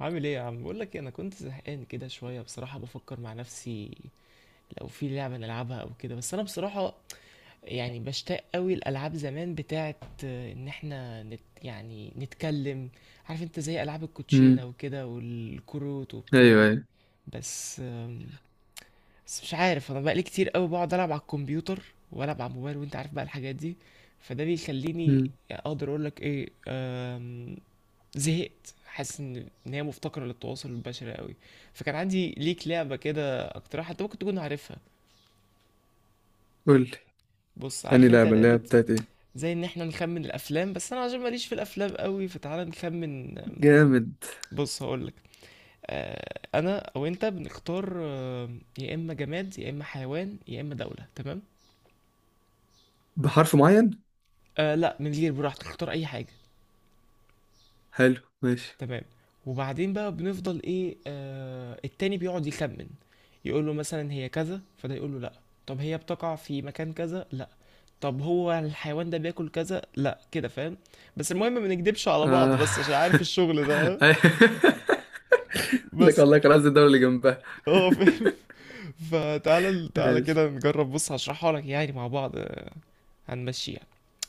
عامل ايه يا عم؟ بقول لك إيه، انا كنت زهقان كده شويه بصراحه، بفكر مع نفسي لو في لعبه نلعبها او كده. بس انا بصراحه يعني بشتاق قوي الالعاب زمان بتاعت، ان احنا نت يعني نتكلم. عارف انت، زي العاب الكوتشينه امم. او كده والكروت ايوه وبتاع. ايوه. بس بس مش عارف، انا بقالي كتير قوي بقعد العب على الكمبيوتر، والعب على الموبايل، وانت عارف بقى الحاجات دي. فده بيخليني امم. اقدر اقول لك ايه، زهقت. حاسس ان هي مفتقره للتواصل البشري قوي. فكان عندي ليك لعبه كده اقترحها، انت ممكن تكون عارفها. قول لي. بص، اني عارف انت لعبه اللي هي لعبه بتاعت ايه. زي ان احنا نخمن الافلام؟ بس انا عشان ماليش في الافلام قوي، فتعالى نخمن. جامد. بص هقولك، انا او انت بنختار، يا اما جماد يا اما حيوان يا اما دوله، تمام. بحرف معين. آه لا، من غير، براحتك اختار اي حاجه. حلو ماشي. تمام. وبعدين بقى بنفضل ايه، آه التاني بيقعد يخمن، يقول له مثلا هي كذا، فده يقول له لا. طب هي بتقع في مكان كذا؟ لا. طب هو الحيوان ده بياكل كذا؟ لا. كده فاهم. بس المهم ما نكدبش على بعض، آه. بس عشان عارف الشغل ده، ها؟ لك بس والله كان قصدي الدولة اللي جنبها. اه فاهم. فتعالى، تعالى ماشي كده نجرب، بص هشرحها لك يعني مع بعض، هنمشيها.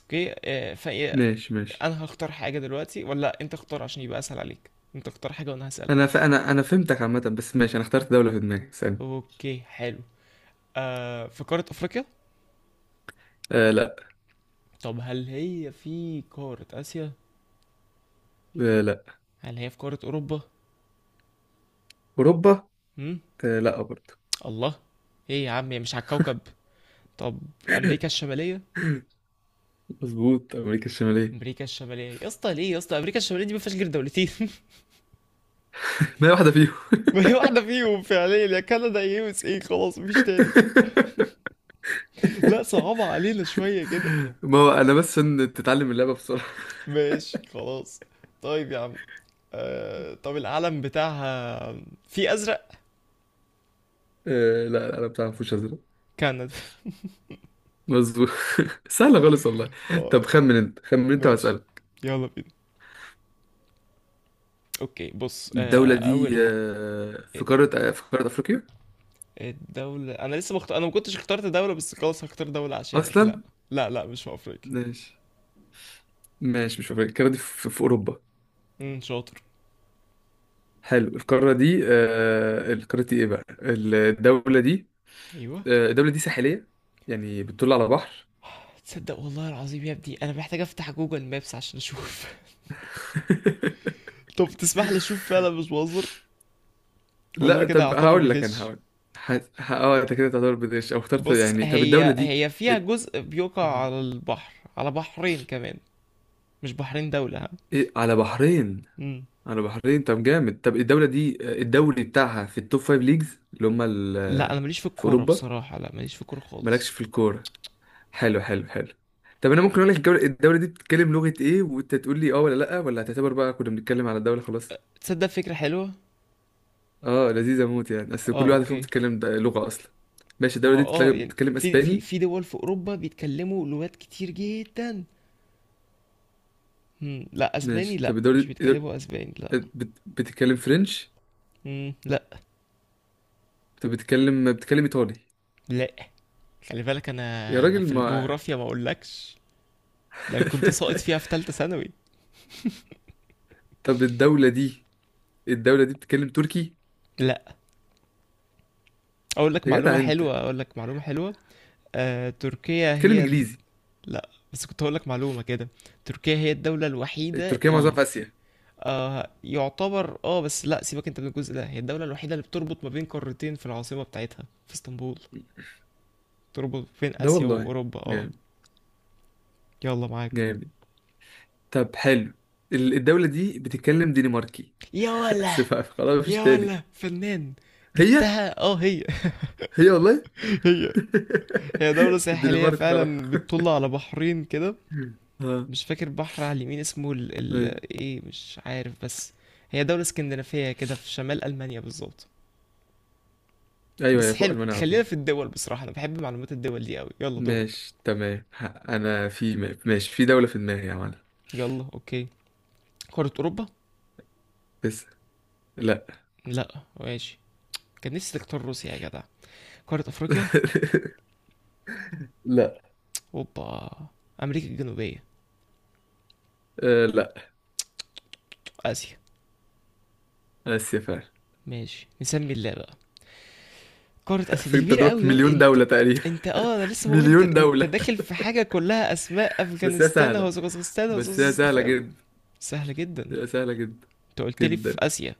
اوكي، فايه، ماشي ماشي. انا هختار حاجة دلوقتي ولا انت اختار؟ عشان يبقى اسهل عليك، انت اختار حاجة وانا هسألك. انا فهمتك عامة، بس ماشي، انا اخترت دولة في دماغي ثانية. اوكي حلو. آه في قارة أفريقيا؟ آه لا. طب هل هي في قارة آسيا؟ آه لا. هل هي في قارة أوروبا؟ اوروبا. هم؟ آه لا برضه. الله، إيه يا عم، هي مش على الكوكب؟ طب أمريكا الشمالية؟ مظبوط، امريكا الشمالية. أمريكا الشمالية، يا اسطى ليه يا اسطى، أمريكا الشمالية دي ما فيهاش غير دولتين. ما هي واحدة فيهم. وهي واحدة فيهم فعليا، يا كندا يا USA، خلاص مفيش تاني. لا صعبة علينا شوية كده. ما هو انا بس عشان تتعلم اللعبة بسرعة. ماشي خلاص. طيب يا عم، آه طب العلم بتاعها، في أزرق؟ آه لا لا، انا بتاع فوش ازرق. كندا. مظبوط. سهله خالص والله. اه. طب خمن انت، خمن انت ماشي، واسالك. يلا بينا. اوكي بص، الدوله آه دي اول حاجه، في قاره افريقيا. الدولة، أنا لسه أنا ما كنتش اخترت دولة، بس خلاص هختار دولة عشانك. لا اصلا. لا لا، مش في أفريقيا. ماشي. ماشي، مش في افريقيا. القاره دي في اوروبا. شاطر. حلو. القاره دي ايه بقى الدوله دي؟ أيوه. آه، الدوله دي ساحليه، يعني بتطل على بحر. تصدق والله العظيم يا ابني أنا محتاج أفتح جوجل مابس عشان أشوف. طب تسمح لي أشوف فعلا، مش بهزر، ولا أنا لا كده طب هعتبر هقول لك، انا بغش. هقول. ح- انت كده تعتبر بدش او اخترت بص يعني. طب الدوله هي دي. هي فيها إيه- جزء بيقع على البحر، على بحرين كمان، مش بحرين دولة، ها. إيه، على بحرين. امم. على بحرين. طب جامد. طب الدولة دي الدوري بتاعها في التوب فايف ليجز اللي هما لا أنا ماليش في في الكورة أوروبا. بصراحة، لا ماليش في الكورة مالكش خالص. في الكورة. حلو حلو حلو. طب أنا ممكن أقول لك، الدولة دي بتتكلم لغة إيه وأنت تقول لي أه ولا لأ، ولا هتعتبر بقى كنا بنتكلم على الدولة خلاص. تصدق فكرة حلوة. أه لذيذة موت يعني، أصل اه كل واحدة فيهم اوكي. بتتكلم لغة أصلا. ماشي. ما الدولة هو دي اه يعني، بتتكلم في في أسباني. في دول في اوروبا بيتكلموا لغات كتير جدا. لا اسباني، ماشي. لا طب الدولة مش دي بيتكلموا اسباني، لا. بتتكلم فرنش. لا. طب بتتكلم إيطالي. لا خلي بالك يا انا راجل في ما. الجغرافيا ما اقولكش. ده انا كنت ساقط فيها في ثالثه ثانوي. طب الدولة دي بتتكلم تركي. لا اقول لك يا جدع معلومه أنت. حلوه، اقول لك معلومه حلوه. تركيا بتتكلم هي، انجليزي. لا بس كنت هقول لك معلومه كده. تركيا هي الدوله الوحيده تركيا معظمها اللي في في، اسيا. آه يعتبر اه، بس لا سيبك انت من الجزء ده، هي الدوله الوحيده اللي بتربط ما بين قارتين، في العاصمه بتاعتها في اسطنبول، تربط بين ده اسيا والله واوروبا، اه. جامد. يلا معاك. جامد. طب حلو. الدولة دي بتتكلم دنماركي. يا ولا. بس بقى خلاص مفيش يا تاني. ولا فنان، هي جبتها، اه هي. هي والله. هي. هي دولة ساحلية الدنمارك خلاص. فعلا، بتطل على بحرين كده، ها. مش فاكر بحر على اليمين اسمه ايوه. ايه، مش عارف. بس هي دولة اسكندنافية كده، في شمال ألمانيا بالظبط. ايوه، بس يا فوق حلو، المانيا على خلينا طول. في الدول، بصراحة أنا بحب معلومات الدول دي أوي، يلا دورك. ماشي تمام. انا ماشي، في دولة في دماغي يا معلم. يلا أوكي. قارة أوروبا؟ بس. لا. لا ماشي. كان نفسي تختار روسيا يا جدع. قارة أفريقيا؟ لا. اوبا. أمريكا الجنوبية؟ آه لا. آسيا. اسيا فعلا. ماشي نسمي اللعبة. قارة اسيا دي فكرة، انت كبيرة قدامك قوي يا... مليون انت دولة تقريبا. انت اه، انا لسه بقول انت مليون انت دولة. داخل في حاجة كلها اسماء، بس هي افغانستان سهلة. وازغستان بس هي سهلة فاهم. جدا. سهلة جدا. لا، سهلة جدا. انت قلت لي في جدا. اسيا.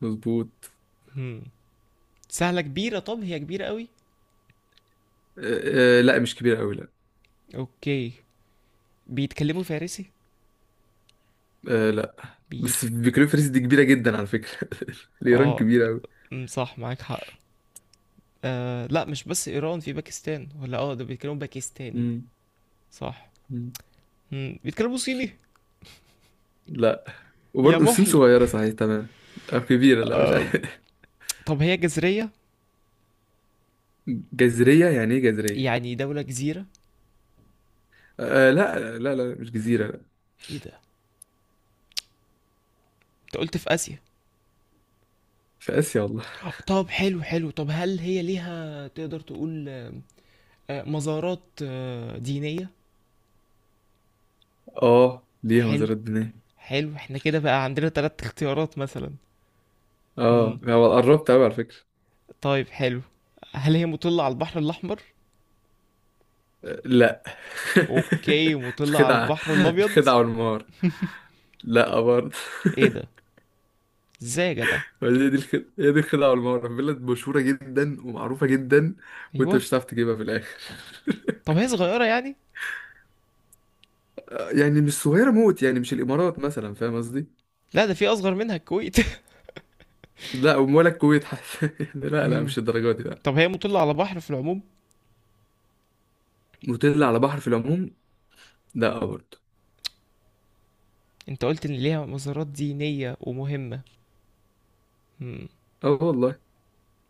مظبوط. هم. سهلة كبيرة، طب هي كبيرة قوي؟ لا مش كبيرة أوي لا. اوكي. بيتكلموا فارسي؟ آه لا. بيت بس بيكريفرس دي كبيرة جدا على فكرة. الإيران اه كبيرة أوي. أمم، صح معاك حق. آه لا، مش بس ايران، في باكستان، ولا اه ده بيتكلموا باكستاني؟ مم. صح. مم. هم. بيتكلموا صيني؟ لا. يا وبرضه الصين محي. صغيرة؟ صحيح تمام. أو كبيرة؟ لا مش آه عارف. طب هي جزرية؟ جزرية يعني إيه جزرية؟ يعني دولة جزيرة. آه لا لا لا، مش جزيرة لا. ايه ده، انت قلت في آسيا. في آسيا والله. طب حلو حلو، طب هل هي ليها، تقدر تقول، مزارات دينية. آه ليها حلو. مزارات بناء. حلو، احنا كده بقى عندنا 3 اختيارات مثلا. مم. آه هو قربت أوي على فكرة. طيب حلو. هل هي مطلة على البحر الأحمر؟ آه، لا. اوكي، مطلة على الخدعة. البحر الأبيض؟ الخدعة والمهارة. لا برضه. ايه ده، ازاي يا جدع؟ هي دي الخدعة، هي دي الخدعة. والمغرب بلد مشهورة جدا ومعروفة جدا، وانت ايوه. مش هتعرف تجيبها في الآخر. طب هي صغيرة يعني؟ يعني مش صغيرة موت، يعني مش الإمارات مثلا، فاهم قصدي؟ لا ده في أصغر منها الكويت. لا ولا الكويت حتى. يعني لا لا مم. مش الدرجة دي لا. طب هي مطلة على بحر في العموم؟ نوتيلا على بحر في العموم. لا برضه. انت قلت ان ليها مزارات دينية ومهمة. مم. اه والله.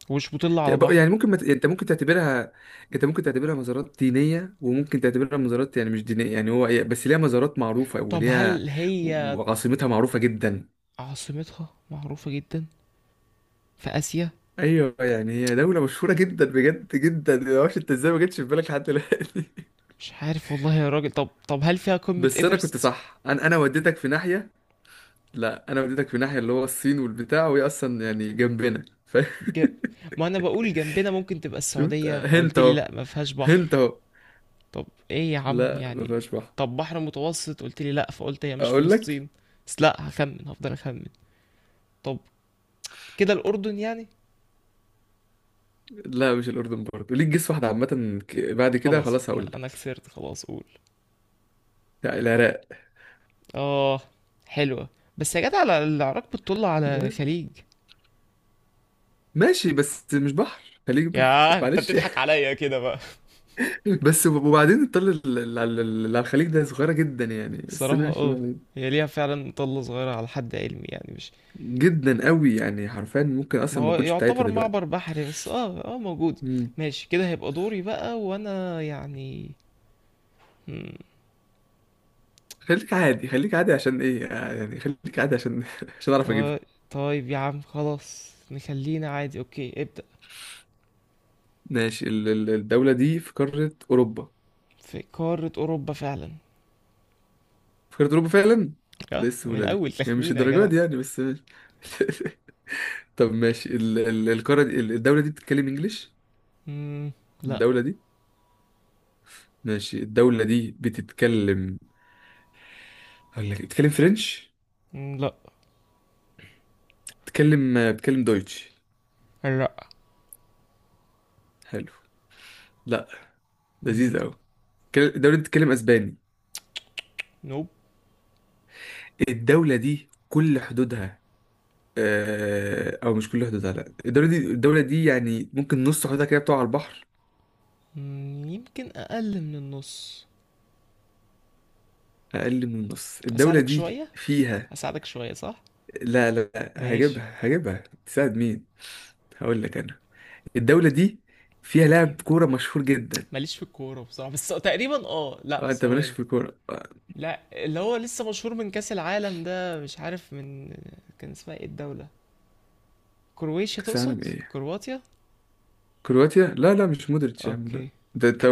ومش مطلة على يعني بق- بحر. يعني ممكن انت ممكن تعتبرها. انت ممكن تعتبرها مزارات دينية، وممكن تعتبرها مزارات يعني مش دينية، يعني هو بس ليها مزارات معروفة طب وليها. هل هي وعاصمتها معروفة جدا. عاصمتها معروفة جدا، في آسيا؟ ايوه يعني هي دولة مشهورة جدا بجد جدا، ما اعرفش انت ازاي ما جتش في بالك لحد دلوقتي. مش عارف والله يا راجل. طب هل فيها قمة بس انا كنت إيفرست؟ صح، انا وديتك في ناحية. لا انا وديتك في ناحية اللي هو الصين والبتاع، وهي اصلا يعني جنبنا ج... ما أنا بقول جنبنا، ممكن تبقى شفت السعودية، هنت قلت لي اهو. لأ ما فيهاش بحر. هنت اهو. طب إيه يا عم لا ما يعني؟ فيهاش بحر. طب بحر متوسط قلت لي لأ، فقلت هي مش اقول لك. فلسطين. بس لأ، هخمن، هفضل أخمن. طب كده الأردن يعني؟ لا مش الاردن برضه، ليك جيس واحدة عامة بعد كده خلاص خلاص أنا، هقول لك. أنا خسرت، خلاص قول. لا، العراق. آه، حلوة. بس يا جدع العراق بتطل على العراق. خليج. ماشي بس مش بحر، خليك مش بحر يا انت معلش. بتضحك عليا كده بقى. بس وبعدين الطل ال- ال- ال- اللي على الخليج ده صغيرة جدا يعني، بس الصراحة ماشي اه، بقى. هي ليها فعلا طلة صغيرة على حد علمي يعني، مش. جدا قوي يعني، حرفيا ممكن ما اصلا ما هو اكونش بتاعتها يعتبر دلوقتي. معبر بحري، بس اه اه موجود. مم. ماشي كده، هيبقى دوري بقى، وانا يعني. مم. خليك عادي، خليك عادي، عشان ايه يعني، خليك عادي عشان عشان اعرف طي- اجيبها. طيب يا عم، خلاص نخلينا عادي، اوكي ابدأ. ماشي، الدولة دي في قارة اوروبا. في قارة اوروبا فعلا. في قارة اوروبا فعلا. ده اه ايه من السهولة دي اول يعني، مش تخمينة يا جدع. الدرجات دي يعني، بس ماشي. طب ماشي، الدولة دي بتتكلم انجليش. مم. لا. الدولة دي. ماشي الدولة دي بتتكلم. هقول لك بتتكلم فرنش. لا. بتكلم دويتش. لا. حلو. لا. مم. لذيذ قوي. الدولة دي بتتكلم اسباني. نوب. الدولة دي كل حدودها. آه، او مش كل حدودها لا. الدولة دي يعني ممكن نص حدودها كده بتقع على البحر. يمكن اقل من النص. اقل من النص. الدولة اساعدك دي شوية، فيها. اساعدك شوية صح. لا لا لا، ماشي. هجيبها هجيبها، تساعد مين. هقول لك انا. الدولة دي فيها لاعب كورة مشهور جدا. ماليش في الكورة بصراحة، بس تقريبا اه، لا اه انت مالكش ثواني. في الكورة. لا اللي هو لسه مشهور من كأس العالم ده، مش عارف من. كان اسمها ايه الدولة، كرواتيا كاس تقصد؟ عالم ايه؟ كرواتيا. كرواتيا لا لا مش مودريتش يا عم لا. اوكي. ده انت.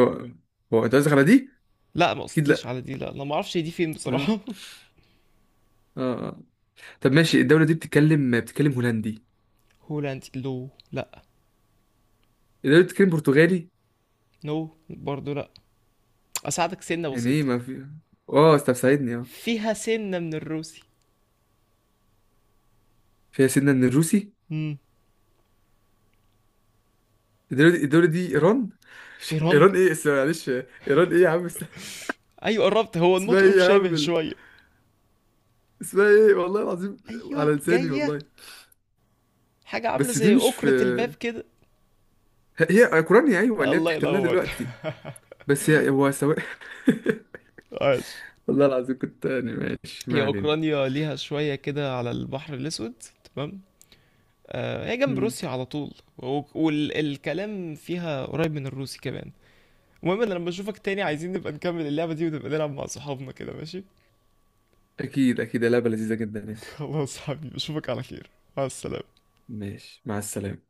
هو انت قصدك على دي. لا ما اكيد قصديش لا. على دي، لا انا ما اعرفش هي دي فين اه. بصراحة. اه آه. طب ماشي الدولة دي بتتكلم هولندي. هولاند لو، لا. الدولة دي بتتكلم برتغالي. نو برضو لا. اساعدك سنة يعني ايه بسيطة، ما في. اه طب ساعدني اه. فيها سنة من الروسي. فيها سنة من الروسي. امم. الدولة دي ايران. ايران، ايران ايه اسمها معلش، ايران ايه يا عم ايوه قربت، هو اسمها النطق ايه يا مشابه عم شوية. اسمها ايه والله العظيم، ايوه على لساني جاية، والله. حاجة عاملة بس دي زي مش في. أكرة الباب كده. هي هي اوكرانيا، ايوه، اللي هي الله بتحتلها ينور. دلوقتي. بس هي هو سواء. عاش. والله العظيم كنت يعني، ماشي هي ما علينا. أوكرانيا، ليها شوية كده على البحر الأسود. تمام. آه هي جنب مم. روسيا على طول، والكلام فيها قريب من الروسي كمان. المهم انا لما اشوفك تاني، عايزين نبقى نكمل اللعبة دي، ونبقى نلعب مع صحابنا كده، ماشي. اكيد اكيد لعبة لذيذة جدا يعني. خلاص حبيبي، اشوفك على خير. مع السلامة. ماشي مع السلامة.